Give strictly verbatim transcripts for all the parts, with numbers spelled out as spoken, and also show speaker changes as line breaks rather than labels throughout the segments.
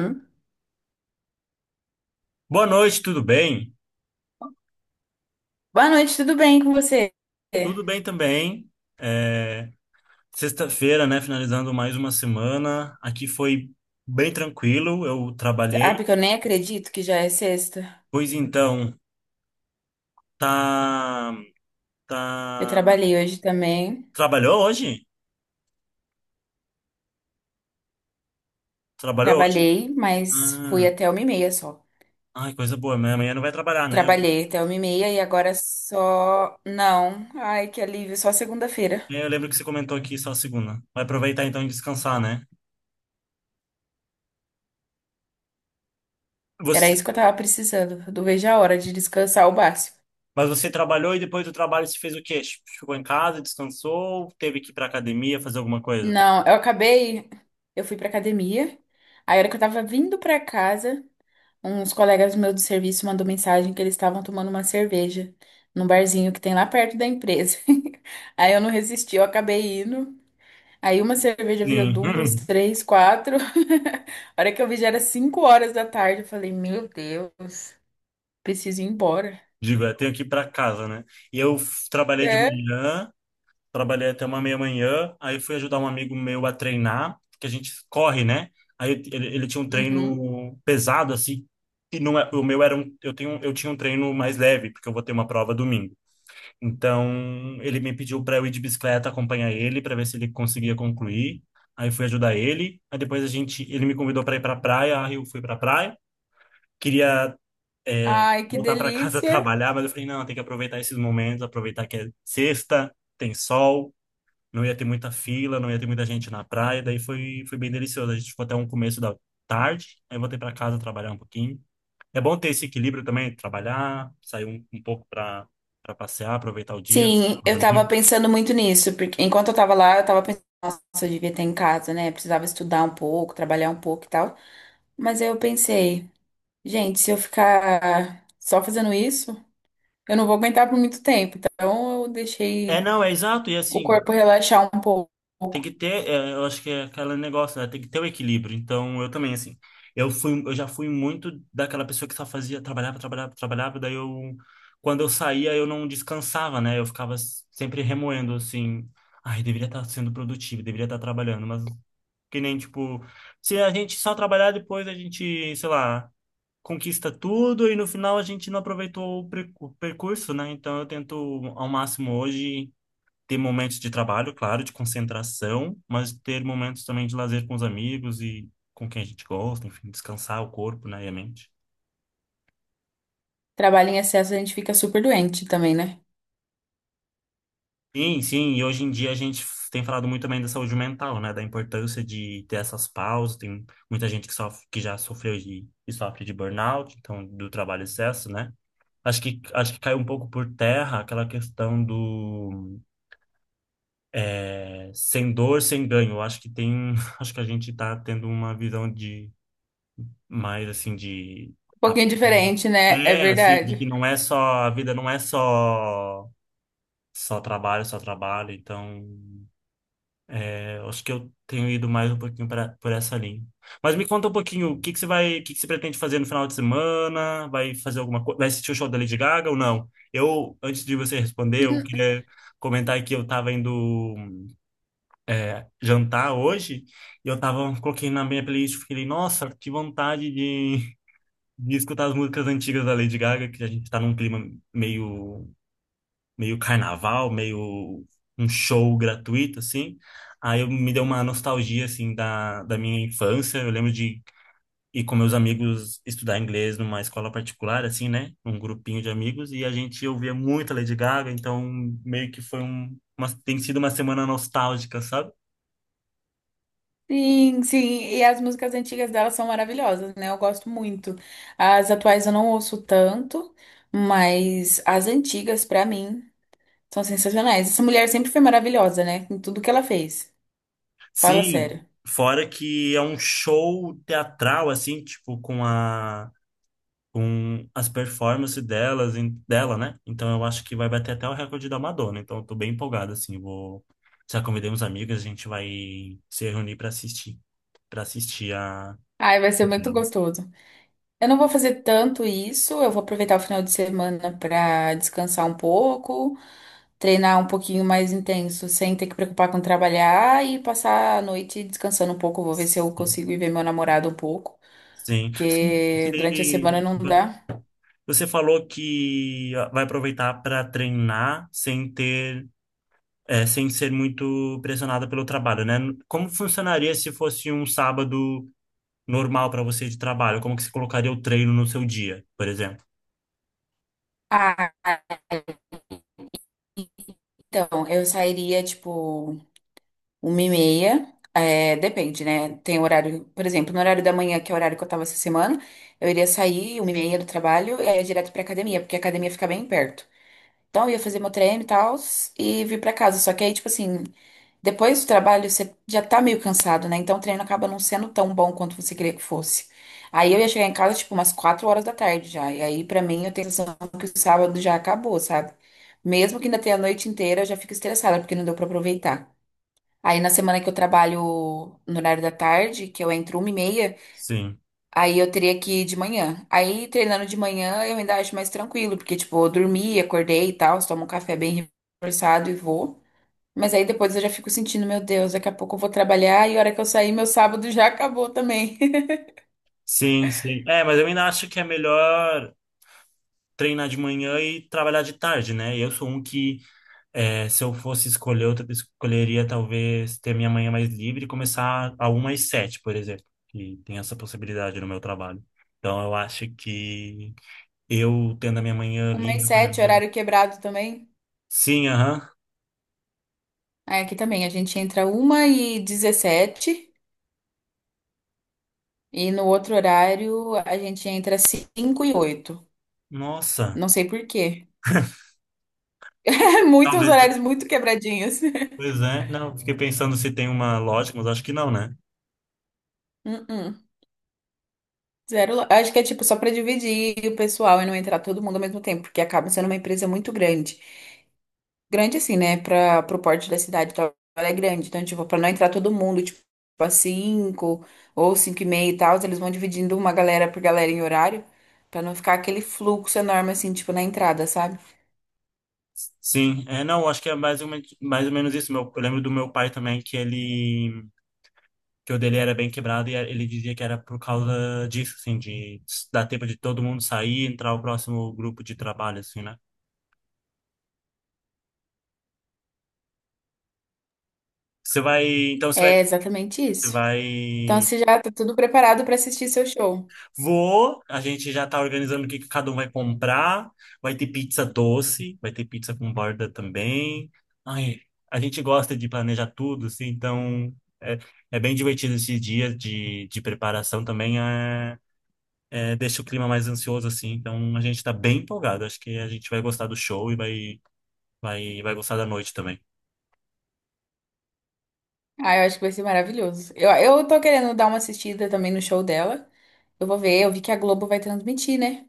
Hum?
Boa noite, tudo bem?
Boa noite, tudo bem com você?
Tudo bem também. É, sexta-feira, né? Finalizando mais uma semana. Aqui foi bem tranquilo, eu
Ah,
trabalhei.
porque eu nem acredito que já é sexta.
Pois então, tá,
Eu
tá...
trabalhei hoje também.
Trabalhou hoje? Trabalhou hoje?
Trabalhei, mas fui
Ah,
até uma e meia só.
ai, coisa boa. Mas amanhã não vai trabalhar, né? Eu lembro
Trabalhei até uma e meia e agora só. Não. Ai, que alívio, só segunda-feira.
eu lembro que você comentou aqui só segunda. Vai aproveitar então e descansar, né?
Era
Você...
isso que eu tava precisando. Eu não vejo a hora de descansar o básico.
Mas você trabalhou e depois do trabalho você fez o quê? Ficou em casa, descansou, teve que ir pra academia, fazer alguma coisa?
Não, eu acabei. Eu fui pra academia. Aí, a hora que eu tava vindo pra casa. Uns colegas meus do serviço mandou mensagem que eles estavam tomando uma cerveja num barzinho que tem lá perto da empresa. Aí eu não resisti, eu acabei indo. Aí uma cerveja virou
Sim.
duas, três, quatro. A hora que eu vi já era cinco horas da tarde. Eu falei, meu Deus, preciso ir embora.
Digo, eu tenho que ir para casa, né? E eu f- trabalhei de
É.
manhã, trabalhei até uma meia-manhã, aí fui ajudar um amigo meu a treinar, porque a gente corre, né? Aí ele, ele tinha um
Uhum.
treino pesado, assim, e não é, o meu era um, eu tenho, eu tinha um treino mais leve, porque eu vou ter uma prova domingo. Então, ele me pediu para eu ir de bicicleta acompanhar ele, para ver se ele conseguia concluir. Aí fui ajudar ele, aí depois a gente, ele me convidou para ir para praia, aí eu fui para praia. Queria é,
Ai, que
voltar para casa
delícia.
trabalhar, mas eu falei, não, tem que aproveitar esses momentos, aproveitar que é sexta, tem sol, não ia ter muita fila, não ia ter muita gente na praia, daí foi, foi bem delicioso. A gente ficou até um começo da tarde, aí eu voltei para casa trabalhar um pouquinho. É bom ter esse equilíbrio também, trabalhar, sair um, um pouco para para passear, aproveitar o dia
Sim,
com os
eu tava
amigos.
pensando muito nisso, porque enquanto eu tava lá, eu tava pensando, nossa, eu devia ter em casa, né? Precisava estudar um pouco, trabalhar um pouco e tal. Mas aí eu pensei. Gente, se eu ficar só fazendo isso, eu não vou aguentar por muito tempo. Então, eu
É,
deixei
não, é exato, e
o
assim,
corpo relaxar um pouco.
tem que ter, é, eu acho que é aquele negócio, né? Tem que ter o equilíbrio. Então, eu também, assim, eu fui, eu já fui muito daquela pessoa que só fazia, trabalhava, trabalhava, trabalhava, daí eu, quando eu saía, eu não descansava, né? Eu ficava s- sempre remoendo, assim, ai, deveria estar sendo produtivo, deveria estar trabalhando, mas que nem, tipo, se a gente só trabalhar depois, a gente, sei lá, conquista tudo e no final a gente não aproveitou o percu- percurso, né? Então, eu tento ao máximo hoje ter momentos de trabalho, claro, de concentração, mas ter momentos também de lazer com os amigos e com quem a gente gosta, enfim, descansar o corpo, né, e a mente.
Trabalho em excesso, a gente fica super doente também, né?
Sim, sim, e hoje em dia a gente f- tem falado muito também da saúde mental, né, da importância de ter essas pausas, tem muita gente que sofre, que já sofreu de, e sofre de burnout, então do trabalho excesso, né? Acho que, acho que caiu um pouco por terra aquela questão do é, sem dor, sem ganho. Eu acho que tem, acho que a gente está tendo uma visão de mais assim de
Um
a
pouquinho diferente, né? É
pé, assim, de
verdade.
que não é só, a vida não é só só trabalho, só trabalho. Então, é, eu acho que eu tenho ido mais um pouquinho pra, por essa linha. Mas me conta um pouquinho, o que que você vai, o que que você pretende fazer no final de semana? Vai fazer alguma coisa? Vai assistir o show da Lady Gaga ou não? Eu, antes de você responder, eu queria comentar que eu tava indo jantar hoje e eu tava, coloquei na minha playlist, fiquei, nossa, que vontade de de escutar as músicas antigas da Lady Gaga, que a gente tá num clima meio, meio carnaval, meio um show gratuito, assim. Aí eu, me deu uma nostalgia, assim, da, da minha infância. Eu lembro de ir com meus amigos estudar inglês numa escola particular, assim, né? Um grupinho de amigos. E a gente ouvia muito a Lady Gaga, então meio que foi um, uma, tem sido uma semana nostálgica, sabe?
Sim, sim. E as músicas antigas dela são maravilhosas, né? Eu gosto muito. As atuais eu não ouço tanto, mas as antigas, pra mim, são sensacionais. Essa mulher sempre foi maravilhosa, né? Em tudo que ela fez. Fala
Sim,
sério.
fora que é um show teatral, assim, tipo, com a com as performances delas, em- dela, né? Então eu acho que vai bater até o recorde da Madonna. Então eu tô bem empolgado, assim. Vou, já convidei uns amigos, a gente vai se reunir para assistir, para assistir a
Ai, vai ser muito
dela.
gostoso. Eu não vou fazer tanto isso, eu vou aproveitar o final de semana para descansar um pouco, treinar um pouquinho mais intenso, sem ter que preocupar com trabalhar e passar a noite descansando um pouco. Vou ver se eu
Sim.
consigo ir ver meu namorado um pouco,
Sim.
porque durante a
Você
semana não dá.
você falou que vai aproveitar para treinar sem ter, é, sem ser muito pressionada pelo trabalho, né? Como funcionaria se fosse um sábado normal para você de trabalho? Como que você colocaria o treino no seu dia, por exemplo?
Ah, então, eu sairia tipo uma e meia, é, depende, né? Tem horário, por exemplo, no horário da manhã, que é o horário que eu tava essa semana, eu iria sair uma e meia do trabalho e aí ia direto pra academia, porque a academia fica bem perto. Então, eu ia fazer meu treino e tal, e vir pra casa. Só que aí, tipo assim, depois do trabalho, você já tá meio cansado, né? Então, o treino acaba não sendo tão bom quanto você queria que fosse. Aí, eu ia chegar em casa, tipo, umas quatro horas da tarde já. E aí, pra mim, eu tenho a sensação que o sábado já acabou, sabe? Mesmo que ainda tenha a noite inteira, eu já fico estressada, porque não deu pra aproveitar. Aí, na semana que eu trabalho no horário da tarde, que eu entro uma e meia.
Sim,
Aí eu teria que ir de manhã. Aí treinando de manhã eu ainda acho mais tranquilo, porque tipo, eu dormi, acordei e tal, tomo um café bem reforçado e vou. Mas aí depois eu já fico sentindo, meu Deus, daqui a pouco eu vou trabalhar e a hora que eu sair, meu sábado já acabou também.
sim, sim. É, mas eu ainda acho que é melhor treinar de manhã e trabalhar de tarde, né? Eu sou um que, é, se eu fosse escolher, eu escolheria talvez ter minha manhã mais livre e começar a uma às sete, por exemplo, que tem essa possibilidade no meu trabalho. Então, eu acho que eu tendo a minha manhã
Uma e
livre, eu
sete,
poderia...
horário quebrado também.
Sim, aham.
Aí aqui também, a gente entra uma e dezessete e no outro horário a gente entra cinco e oito.
Nossa,
Não sei por quê. Muitos
talvez.
horários muito quebradinhos.
Pois é. Não, fiquei pensando se tem uma lógica, mas acho que não, né?
Uh-uh. Zero, lo- acho que é tipo só para dividir o pessoal e não entrar todo mundo ao mesmo tempo, porque acaba sendo uma empresa muito grande. Grande assim, né? Para pro porte da cidade, tal, ela é grande. Então, tipo, para não entrar todo mundo, tipo, a cinco ou cinco e meia e tal, eles vão dividindo uma galera por galera em horário, para não ficar aquele fluxo enorme assim, tipo, na entrada, sabe?
Sim, é, não, acho que é mais ou, menos mais ou menos isso. Meu, eu lembro do meu pai também que ele, que o dele era bem quebrado e a- ele dizia que era por causa disso, assim, de dar tempo de todo mundo sair, e entrar o próximo grupo de trabalho, assim, né? Você vai, então você vai,
É exatamente
você
isso. Então,
vai
você já tá tudo preparado para assistir seu show.
vou, a gente já tá organizando o que que cada um vai comprar. Vai ter pizza doce, vai ter pizza com borda também. Ai, a gente gosta de planejar tudo, assim, então é, é bem divertido esses dias de, de preparação também. É, é, deixa o clima mais ansioso, assim, então a gente tá bem empolgado. Acho que a gente vai gostar do show e vai, vai, vai gostar da noite também.
Ah, eu acho que vai ser maravilhoso. Eu, eu tô querendo dar uma assistida também no show dela. Eu vou ver, eu vi que a Globo vai transmitir, né?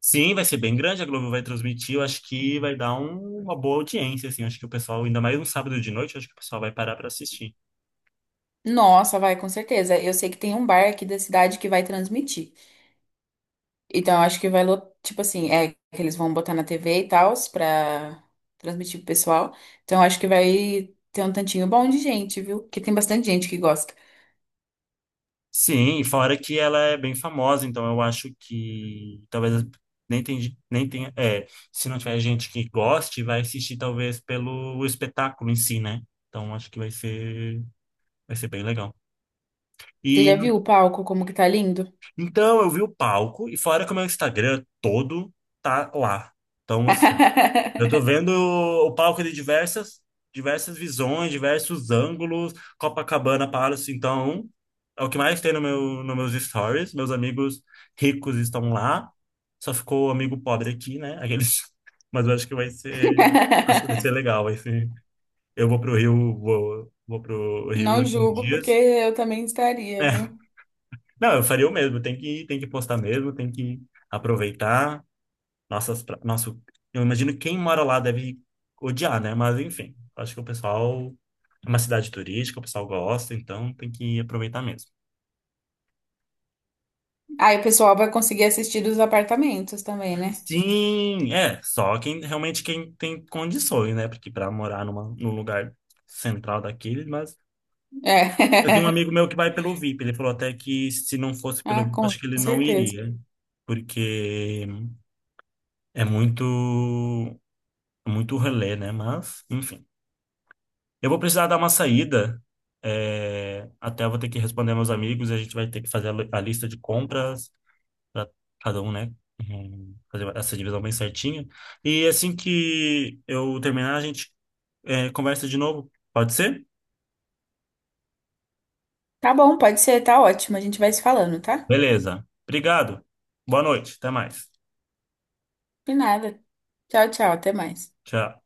Sim, vai ser bem grande, a Globo vai transmitir, eu acho que vai dar um- uma boa audiência, assim, acho que o pessoal, ainda mais um sábado de noite, acho que o pessoal vai parar para assistir.
Nossa, vai, com certeza. Eu sei que tem um bar aqui da cidade que vai transmitir. Então, eu acho que vai, lo- tipo assim, é que eles vão botar na T V e tal, pra transmitir pro pessoal. Então, eu acho que vai ter um tantinho bom de gente, viu? Porque tem bastante gente que gosta.
Sim, e fora que ela é bem famosa, então eu acho que talvez nem tem, ge- nem tenha, é, se não tiver gente que goste, vai assistir talvez pelo espetáculo em si, né? Então acho que vai ser, vai ser bem legal.
Você
E
já
no-
viu o palco, como que tá lindo?
então eu vi o palco e fora que o meu Instagram todo tá lá. Então eu tô vendo o palco de diversas, diversas visões, diversos ângulos, Copacabana Palace, então é o que mais tem no meu, nos meus stories. Meus amigos ricos estão lá. Só ficou o amigo pobre aqui, né? Aqueles, mas eu acho que vai ser, acho que vai ser legal, vai ser. Eu vou pro Rio, vou, vou pro Rio
Não
daqui uns
julgo, porque
dias.
eu também estaria, viu?
Não, eu faria o mesmo, tem que tem que postar mesmo, tem que aproveitar. Nossas, pra- nosso, eu imagino quem mora lá deve odiar, né? Mas enfim, acho que o pessoal é uma cidade turística, o pessoal gosta, então tem que aproveitar mesmo.
Aí o pessoal vai conseguir assistir dos apartamentos também, né?
Sim, é, só quem realmente quem tem condições, né? Porque para morar numa, num lugar central daquele, mas
É.
eu tenho um amigo meu que vai pelo V I P, ele falou até que se não fosse pelo
Ah,
V I P,
com
acho que ele não
certeza.
iria, porque é muito é muito relé, né? Mas, enfim. Eu vou precisar dar uma saída. é, até eu vou ter que responder meus amigos e a gente vai ter que fazer a li- a lista de compras para cada um, né? Hum, fazer essa divisão bem certinha. E assim que eu terminar, a gente é, conversa de novo. Pode ser?
Tá bom, pode ser, tá ótimo. A gente vai se falando, tá?
Beleza. Obrigado. Boa noite. Até mais.
De nada. Tchau, tchau, até mais.
Tchau.